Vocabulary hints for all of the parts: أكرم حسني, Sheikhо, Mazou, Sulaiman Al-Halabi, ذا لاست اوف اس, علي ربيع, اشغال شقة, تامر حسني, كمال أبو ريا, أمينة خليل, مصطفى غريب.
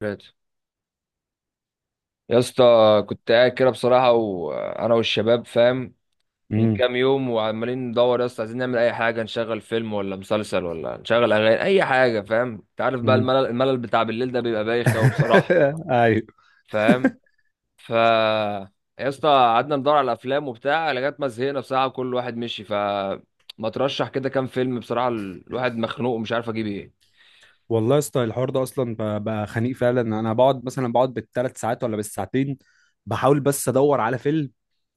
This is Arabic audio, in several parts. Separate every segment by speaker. Speaker 1: ثلاثة، يا اسطى. كنت قاعد كده بصراحة وأنا والشباب، فاهم؟ من
Speaker 2: امم.
Speaker 1: كام يوم وعمالين ندور يا اسطى، عايزين نعمل أي حاجة، نشغل فيلم ولا مسلسل ولا نشغل أغاني، أي حاجة، فاهم؟ أنت عارف بقى
Speaker 2: امم.
Speaker 1: الملل بتاع بالليل ده بيبقى بايخ أوي بصراحة.
Speaker 2: ايوه.
Speaker 1: فاهم؟ ف يا اسطى، قعدنا ندور على الأفلام وبتاع لغاية ما زهقنا بصراحة، كل واحد مشي. ما ترشح كده كام فيلم بصراحة، الواحد مخنوق ومش عارف أجيب إيه.
Speaker 2: والله يا اسطى، الحوار ده اصلا بقى خنيق فعلا. انا بقعد مثلا بقعد بالثلاث ساعات ولا بالساعتين، بحاول بس ادور على فيلم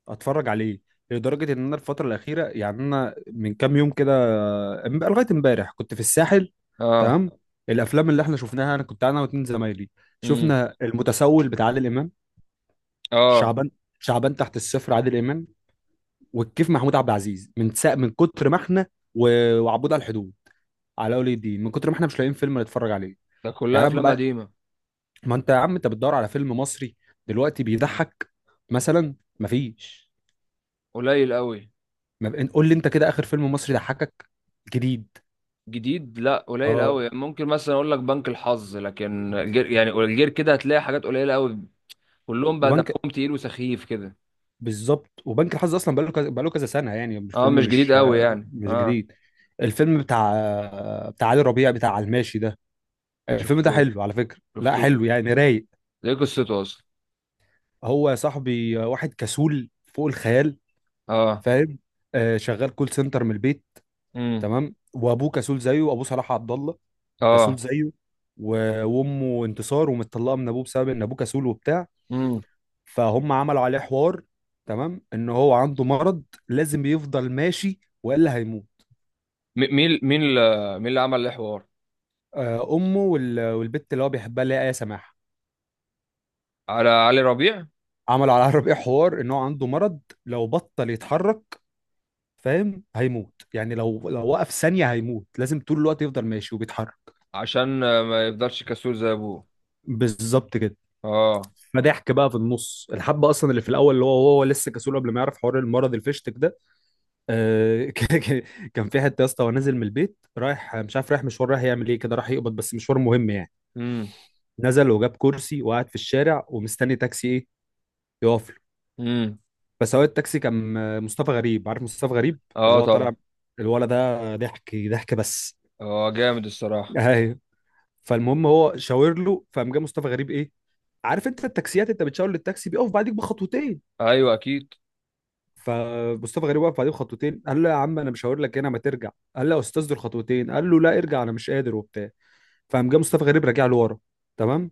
Speaker 2: اتفرج عليه. لدرجه ان انا الفتره الاخيره يعني، انا من كام يوم كده لغايه امبارح كنت في الساحل.
Speaker 1: آه.
Speaker 2: تمام. الافلام اللي احنا شفناها، انا كنت انا واتنين زمايلي،
Speaker 1: امم.
Speaker 2: شفنا المتسول بتاع عادل امام،
Speaker 1: آه.
Speaker 2: شعبان شعبان تحت الصفر عادل امام، والكيف محمود عبد العزيز، من كتر ما احنا وعبود على الحدود، على ولي الدين، من كتر ما احنا مش لاقيين فيلم نتفرج عليه.
Speaker 1: ده كلها
Speaker 2: يعني انا
Speaker 1: أفلام
Speaker 2: ببقى،
Speaker 1: قديمة.
Speaker 2: ما انت يا عم، انت بتدور على فيلم مصري دلوقتي بيضحك مثلا؟ مفيش.
Speaker 1: قليل أوي.
Speaker 2: ما ب... قول لي انت كده، اخر فيلم مصري ضحكك جديد؟
Speaker 1: جديد؟ لا، قليل
Speaker 2: اه.
Speaker 1: قوي. ممكن مثلا اقول لك بنك الحظ، لكن الجير، يعني الجير كده هتلاقي حاجات قليله قوي. كلهم بقى
Speaker 2: وبنك،
Speaker 1: دمهم تقيل وسخيف كده.
Speaker 2: بالظبط، وبنك الحظ اصلا بقاله كذا بقاله كذا سنه، يعني مش
Speaker 1: اه،
Speaker 2: فيلم،
Speaker 1: مش جديد
Speaker 2: مش
Speaker 1: قوي يعني،
Speaker 2: مش
Speaker 1: اه.
Speaker 2: جديد. الفيلم بتاع بتاع علي ربيع، بتاع على الماشي ده، الفيلم ده
Speaker 1: شفتوه؟
Speaker 2: حلو على فكره، لا
Speaker 1: شفتوه؟
Speaker 2: حلو يعني، رايق.
Speaker 1: دي قصته اصلا.
Speaker 2: هو يا صاحبي واحد كسول فوق الخيال.
Speaker 1: اه.
Speaker 2: فاهم؟ شغال كول سنتر من البيت.
Speaker 1: امم.
Speaker 2: تمام، وابوه كسول زيه، وابوه صلاح عبد الله كسول
Speaker 1: اه.
Speaker 2: زيه. وامه انتصار، ومتطلقه من ابوه بسبب ان ابوه كسول وبتاع.
Speaker 1: امم.
Speaker 2: فهم عملوا عليه حوار، تمام، ان هو عنده مرض لازم يفضل ماشي والا هيموت.
Speaker 1: مين اللي، مين اللي عمل الحوار؟
Speaker 2: امه والبت اللي هو بيحبها اللي هي ايه، سماح.
Speaker 1: على علي ربيع.
Speaker 2: عملوا على الربيع حوار ان هو عنده مرض، لو بطل يتحرك، فاهم، هيموت. يعني لو وقف ثانيه هيموت، لازم طول الوقت يفضل ماشي وبيتحرك.
Speaker 1: عشان ما يفضلش كسول زي ابوه.
Speaker 2: بالظبط كده.
Speaker 1: اه.
Speaker 2: فضحك بقى في النص الحبه اصلا، اللي في الاول، اللي هو لسه كسول قبل ما يعرف حوار المرض الفشتك ده. آه. كان في حته يا اسطى، ونازل من البيت رايح، مش عارف رايح مشوار، رايح يعمل ايه، كده راح يقبض بس، مشوار مهم يعني.
Speaker 1: امم.
Speaker 2: نزل وجاب كرسي وقعد في الشارع ومستني تاكسي، ايه، يقف له.
Speaker 1: امم.
Speaker 2: فسواق التاكسي كان مصطفى غريب، عارف مصطفى غريب؟ اللي
Speaker 1: اه،
Speaker 2: هو طالع،
Speaker 1: طبعا.
Speaker 2: الولد ده ضحك ضحك بس.
Speaker 1: اه، جامد الصراحه.
Speaker 2: ايوه. فالمهم هو شاور له، فقام جه مصطفى غريب، ايه، عارف انت التاكسيات، انت بتشاور للتاكسي بيقف بعديك بخطوتين.
Speaker 1: ايوه، اكيد.
Speaker 2: فمصطفى غريب وقف عليه بخطوتين، قال له يا عم انا مش هقول لك هنا، ما ترجع. قال له يا استاذ دول خطوتين، قال له لا ارجع، انا مش قادر وبتاع. فقام جه مصطفى غريب راجع له ورا، تمام.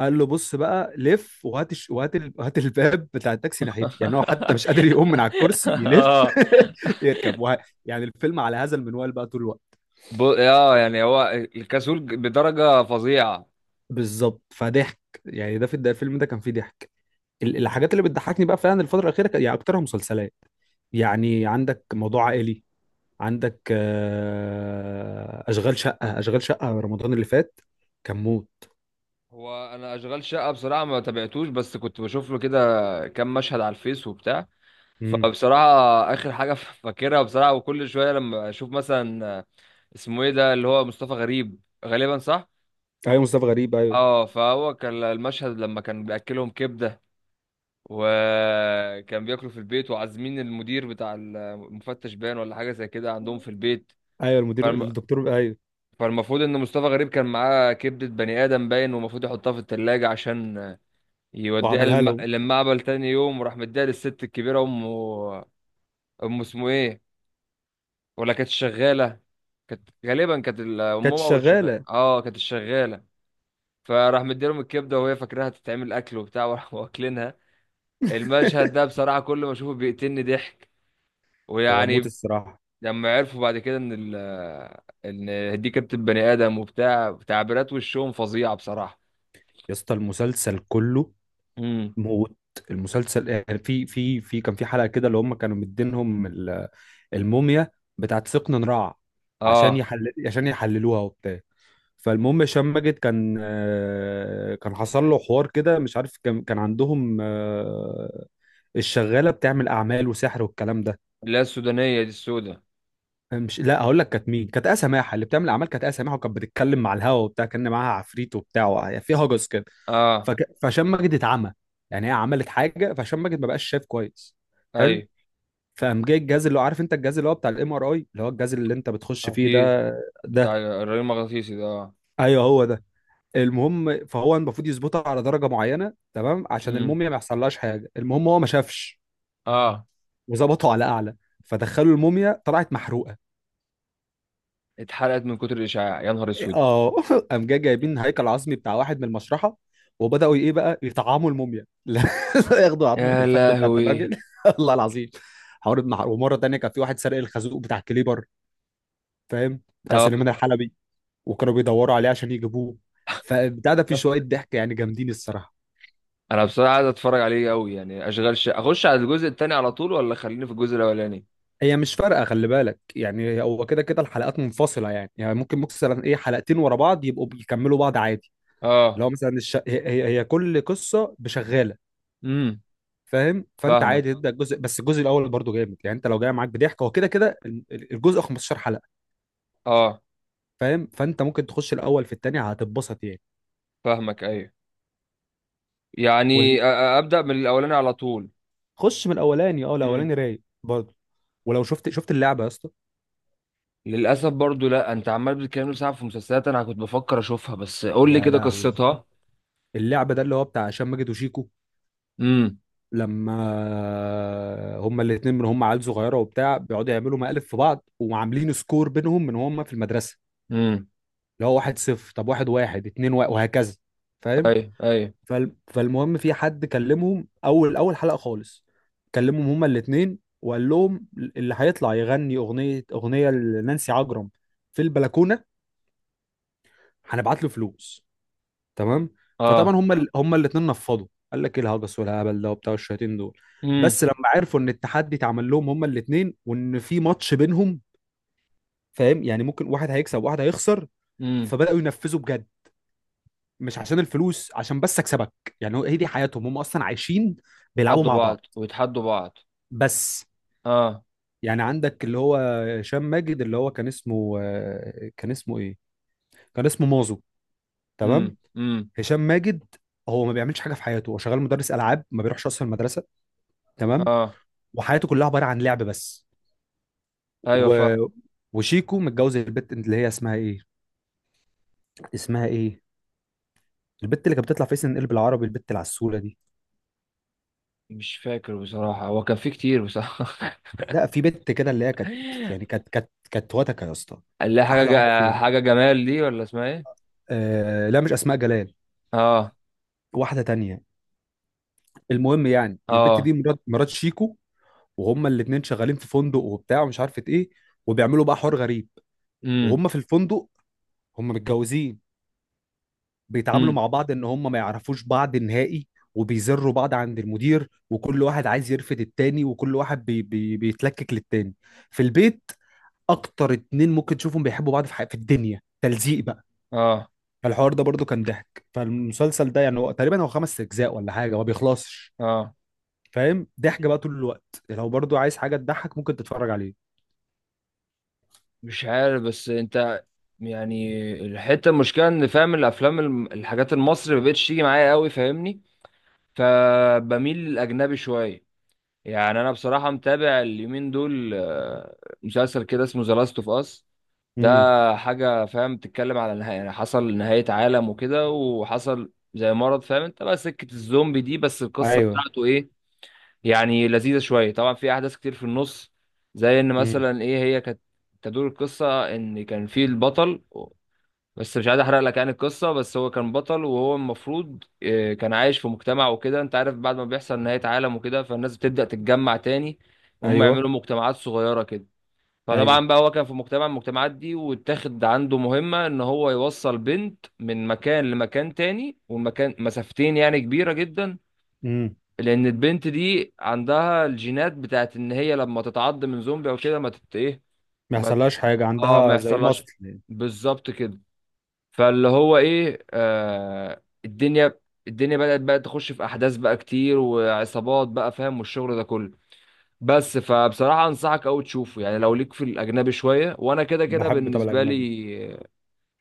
Speaker 2: قال له بص بقى لف وهات وهات وهات الباب بتاع التاكسي ناحيتي، يعني هو حتى مش قادر يقوم من على الكرسي يلف،
Speaker 1: اه.
Speaker 2: يركب يعني الفيلم على هذا المنوال بقى طول الوقت.
Speaker 1: اه، يعني هو الكسول بدرجة فظيعة.
Speaker 2: بالظبط، فضحك. يعني ده في ده الفيلم ده كان فيه ضحك. الحاجات اللي بتضحكني بقى فعلا الفترة الأخيرة، يعني أكترها مسلسلات. يعني عندك موضوع عائلي، عندك اشغال شقه، اشغال شقه رمضان اللي فات، كان موت.
Speaker 1: هو انا اشغال شقة بصراحة ما تابعتوش، بس كنت بشوف له كده كام مشهد على الفيس وبتاع.
Speaker 2: امم.
Speaker 1: فبصراحة، اخر حاجة فاكرها بصراحة، وكل شوية لما اشوف مثلا، اسمه ايه ده اللي هو مصطفى غريب، غالبا، صح؟
Speaker 2: ايوه، مصطفى غريب، ايوه.
Speaker 1: اه. فهو كان المشهد لما كان بياكلهم كبدة، وكان بياكلوا في البيت وعازمين المدير بتاع المفتش بان، ولا حاجة زي كده عندهم في البيت.
Speaker 2: ايوه، المدير الدكتور، ايوه.
Speaker 1: فالمفروض ان مصطفى غريب كان معاه كبدة بني ادم باين، ومفروض يحطها في التلاجة عشان يوديها
Speaker 2: وعملها لهم.
Speaker 1: للمعبل تاني يوم، وراح مديها للست الكبيرة، امه. امه اسمه ايه؟ ولا كانت شغالة؟ كانت غالبا، كانت امهم
Speaker 2: كانت
Speaker 1: او الشغالة،
Speaker 2: شغاله.
Speaker 1: اه، كانت الشغالة. فراح مديلهم الكبدة وهي فاكراها تتعمل اكل وبتاع، وراحوا واكلينها. المشهد ده بصراحة كل ما اشوفه بيقتلني ضحك،
Speaker 2: هو موت
Speaker 1: ويعني،
Speaker 2: الصراحه.
Speaker 1: لما عرفوا بعد كده ان دي كبدة بني ادم وبتاع، تعبيرات وشهم فظيعة بصراحة.
Speaker 2: يا اسطى المسلسل كله موت. المسلسل يعني في في في كان في حلقه كده، اللي هم كانوا مدينهم الموميا بتاعت سقن نراع،
Speaker 1: اه.
Speaker 2: عشان يحللوها وبتاع. فالمهم هشام ماجد كان كان حصل له حوار كده، مش عارف، كان عندهم الشغاله بتعمل اعمال وسحر والكلام ده.
Speaker 1: اللي هي السودانية دي، السوداء.
Speaker 2: مش، لا، هقول لك كانت مين، كانت آية سماحه اللي بتعمل اعمال، كانت آية سماحه، وكانت بتتكلم مع الهوا وبتاع، كان معاها عفريت وبتاع في هجس كده.
Speaker 1: اه.
Speaker 2: فك... فهشام ماجد اتعمى. يعني هي عملت حاجه، فهشام ماجد ما بقاش شايف كويس. حلو.
Speaker 1: ايوه،
Speaker 2: فقام جاي الجهاز، اللي هو عارف انت الجهاز اللي هو بتاع MRI، اللي هو الجهاز اللي انت بتخش فيه
Speaker 1: اكيد.
Speaker 2: ده.
Speaker 1: بتاع
Speaker 2: ده،
Speaker 1: الرئيس المغناطيسي ده، اه.
Speaker 2: ايوه هو ده. المهم فهو المفروض يظبطها على درجه معينه، تمام، عشان
Speaker 1: امم.
Speaker 2: الموميا ما يحصلهاش حاجه. المهم هو ما شافش
Speaker 1: اه.
Speaker 2: وظبطه على اعلى. فدخلوا الموميا طلعت محروقه.
Speaker 1: اتحرقت من كتر الاشعاع، يا نهار
Speaker 2: إيه،
Speaker 1: اسود.
Speaker 2: اه قام جاي جايبين هيكل عظمي بتاع واحد من المشرحه، وبداوا ايه بقى يطعموا الموميا، لا ياخدوا عظمه
Speaker 1: يا
Speaker 2: الفخذ بتاعت
Speaker 1: لهوي.
Speaker 2: الراجل. الله العظيم. حوار ومره تانيه كان في واحد سرق الخازوق بتاع الكليبر، فاهم؟ بتاع
Speaker 1: اه.
Speaker 2: سليمان الحلبي، وكانوا بيدوروا عليه عشان يجيبوه. فبتاع ده فيه شويه ضحك يعني، جامدين الصراحه.
Speaker 1: انا بصراحة عايز اتفرج عليه قوي، يعني اشغال شقة، اخش على الجزء التاني على طول ولا خليني في الجزء الاولاني؟
Speaker 2: هي مش فارقه، خلي بالك، يعني هو كده كده الحلقات منفصله، يعني ممكن مثلا، ايه، حلقتين ورا بعض يبقوا بيكملوا بعض عادي. اللي
Speaker 1: اه.
Speaker 2: هو مثلا هي كل قصه بشغاله.
Speaker 1: امم.
Speaker 2: فاهم؟ فانت
Speaker 1: فاهمك.
Speaker 2: عادي تبدا الجزء، بس الجزء الاول برضو جامد، يعني انت لو جاي معاك بضحك، هو كده كده الجزء 15 حلقه.
Speaker 1: اه،
Speaker 2: فاهم؟ فانت ممكن تخش الاول في التاني هتتبسط يعني.
Speaker 1: فاهمك. ايوه، يعني
Speaker 2: وال...
Speaker 1: ابدا من الاولاني على طول.
Speaker 2: خش من الاولاني، اه
Speaker 1: امم.
Speaker 2: الاولاني رايق برضو. ولو شفت اللعبه يا اسطى.
Speaker 1: للاسف برضو، لا، انت عمال بتتكلم ساعة في مسلسلات، انا كنت بفكر اشوفها، بس قول لي
Speaker 2: يا
Speaker 1: كده
Speaker 2: لهوي.
Speaker 1: قصتها.
Speaker 2: اللعبه ده اللي هو بتاع هشام ماجد وشيكو،
Speaker 1: امم.
Speaker 2: لما هما الاتنين، من هما عيال صغيره وبتاع بيقعدوا يعملوا مقالب في بعض وعاملين سكور بينهم من هما في المدرسه.
Speaker 1: امم.
Speaker 2: اللي هو 1-0، طب 1-1، 2-1، وهكذا. فاهم؟
Speaker 1: اي اي.
Speaker 2: فالمهم، في حد كلمهم اول اول حلقه خالص، كلمهم هما الاتنين، وقال لهم اللي هيطلع يغني اغنيه لنانسي عجرم في البلكونه، هنبعت له فلوس، تمام. فطبعا
Speaker 1: اه.
Speaker 2: هم الاثنين نفضوا، قال لك ايه الهجس والهبل ده وبتاع الشياطين دول. بس
Speaker 1: امم.
Speaker 2: لما عرفوا ان التحدي اتعمل لهم هم الاثنين، وان في ماتش بينهم، فاهم؟ يعني ممكن واحد هيكسب وواحد هيخسر.
Speaker 1: امم.
Speaker 2: فبداوا ينفذوا بجد، مش عشان الفلوس، عشان بس اكسبك. يعني هي دي حياتهم هم اصلا، عايشين بيلعبوا
Speaker 1: يتحدوا
Speaker 2: مع
Speaker 1: بعض
Speaker 2: بعض
Speaker 1: ويتحدوا بعض.
Speaker 2: بس.
Speaker 1: اه.
Speaker 2: يعني عندك اللي هو هشام ماجد، اللي هو كان اسمه كان اسمه ايه، كان اسمه مازو، تمام،
Speaker 1: امم. امم.
Speaker 2: هشام ماجد. هو ما بيعملش حاجه في حياته، هو شغال مدرس العاب، ما بيروحش اصلا المدرسه، تمام.
Speaker 1: اه،
Speaker 2: وحياته كلها عباره عن لعب بس.
Speaker 1: ايوه،
Speaker 2: و...
Speaker 1: فاهم.
Speaker 2: وشيكو متجوز البت اللي هي اسمها ايه، اسمها ايه البت اللي كانت بتطلع في سن قلب العربي، البت العسوله دي.
Speaker 1: مش فاكر بصراحة، هو كان في كتير بصراحة.
Speaker 2: لا، في بنت كده اللي هي كانت، يعني كانت وتكه يا اسطى،
Speaker 1: اللي هي
Speaker 2: كانت
Speaker 1: حاجة
Speaker 2: احلى واحده فيهم.
Speaker 1: حاجة جمال دي، ولا اسمها ايه؟
Speaker 2: آه لا، مش اسماء جلال،
Speaker 1: اه.
Speaker 2: واحده تانية. المهم يعني البت
Speaker 1: اه.
Speaker 2: دي مرات شيكو، وهما الاتنين شغالين في فندق وبتاع ومش عارفه ايه، وبيعملوا بقى حوار غريب
Speaker 1: امم.
Speaker 2: وهما في الفندق، هما متجوزين، بيتعاملوا
Speaker 1: امم.
Speaker 2: مع بعض ان هم ما يعرفوش بعض نهائي. وبيزروا بعض عند المدير، وكل واحد عايز يرفد التاني، وكل واحد بي بي بيتلكك للتاني في البيت. اكتر اتنين ممكن تشوفهم بيحبوا بعض في الدنيا، تلزيق بقى.
Speaker 1: اه.
Speaker 2: فالحوار ده برضو كان ضحك. فالمسلسل ده يعني هو تقريبا هو 5 اجزاء ولا حاجه، ما بيخلصش.
Speaker 1: اه.
Speaker 2: فاهم؟ ضحك بقى طول الوقت، لو برضو عايز حاجه تضحك ممكن تتفرج عليه.
Speaker 1: مش عارف، بس انت يعني، الحتة المشكلة ان، فاهم، الافلام، الحاجات المصري مبقتش تيجي معايا قوي، فاهمني؟ فبميل للاجنبي شوية. يعني انا بصراحه متابع اليومين دول، مسلسل كده اسمه ذا لاست اوف اس، ده
Speaker 2: امم.
Speaker 1: حاجه، فاهم، بتتكلم على نهايه، يعني حصل نهايه عالم وكده، وحصل زي مرض، فاهم انت بقى سكه الزومبي دي، بس القصه
Speaker 2: ايوه.
Speaker 1: بتاعته ايه يعني، لذيذه شويه. طبعا في احداث كتير في النص، زي ان
Speaker 2: امم.
Speaker 1: مثلا ايه، هي كانت، تدور القصه ان كان في البطل، بس مش عايز احرق لك يعني القصه، بس هو كان بطل، وهو المفروض كان عايش في مجتمع وكده، انت عارف، بعد ما بيحصل نهايه عالم وكده، فالناس بتبدا تتجمع تاني، وهم
Speaker 2: ايوه،
Speaker 1: يعملوا مجتمعات صغيره كده.
Speaker 2: ايوه.
Speaker 1: فطبعا بقى هو كان في مجتمع من المجتمعات دي، واتاخد عنده مهمه ان هو يوصل بنت من مكان لمكان تاني، والمكان مسافتين يعني، كبيره جدا.
Speaker 2: امم.
Speaker 1: لان البنت دي عندها الجينات بتاعت ان هي لما تتعض من زومبي او كده ما تت ايه،
Speaker 2: ما
Speaker 1: ما ت-
Speaker 2: يحصلهاش حاجه،
Speaker 1: اه، ما
Speaker 2: عندها زي
Speaker 1: يحصلهاش،
Speaker 2: مصل.
Speaker 1: بالظبط كده. فاللي هو ايه، الدنيا، الدنيا بدأت بقى تخش في احداث بقى كتير، وعصابات بقى، فاهم، والشغل ده كله. بس فبصراحة انصحك قوي تشوفه، يعني لو ليك في الاجنبي شوية، وانا كده كده
Speaker 2: بحب. طب
Speaker 1: بالنسبة
Speaker 2: الاجنبي.
Speaker 1: لي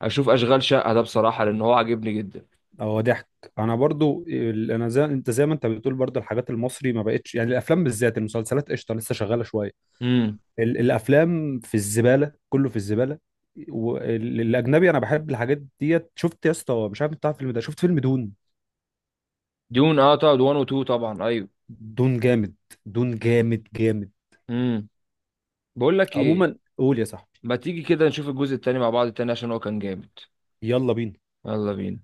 Speaker 1: اشوف اشغال شقة ده بصراحة، لان هو عاجبني جدا.
Speaker 2: هو ضحك. انا برضو انا زي انت، زي ما انت بتقول، برضو الحاجات المصري ما بقتش، يعني الافلام بالذات، المسلسلات قشطه لسه شغاله شويه.
Speaker 1: امم.
Speaker 2: الافلام في الزباله، كله في الزباله. والاجنبي انا بحب الحاجات ديت. شفت يا اسطى، مش عارف انت عارف الفيلم ده، شفت فيلم دون؟
Speaker 1: دون، اه طبعا، 1 و 2، طبعا، ايوه.
Speaker 2: دون جامد، دون جامد جامد.
Speaker 1: امم. بقول لك ايه،
Speaker 2: عموما، قول يا صاحبي.
Speaker 1: ما تيجي كده نشوف الجزء التاني مع بعض التاني، عشان هو كان جامد؟
Speaker 2: يلا بينا.
Speaker 1: يلا بينا.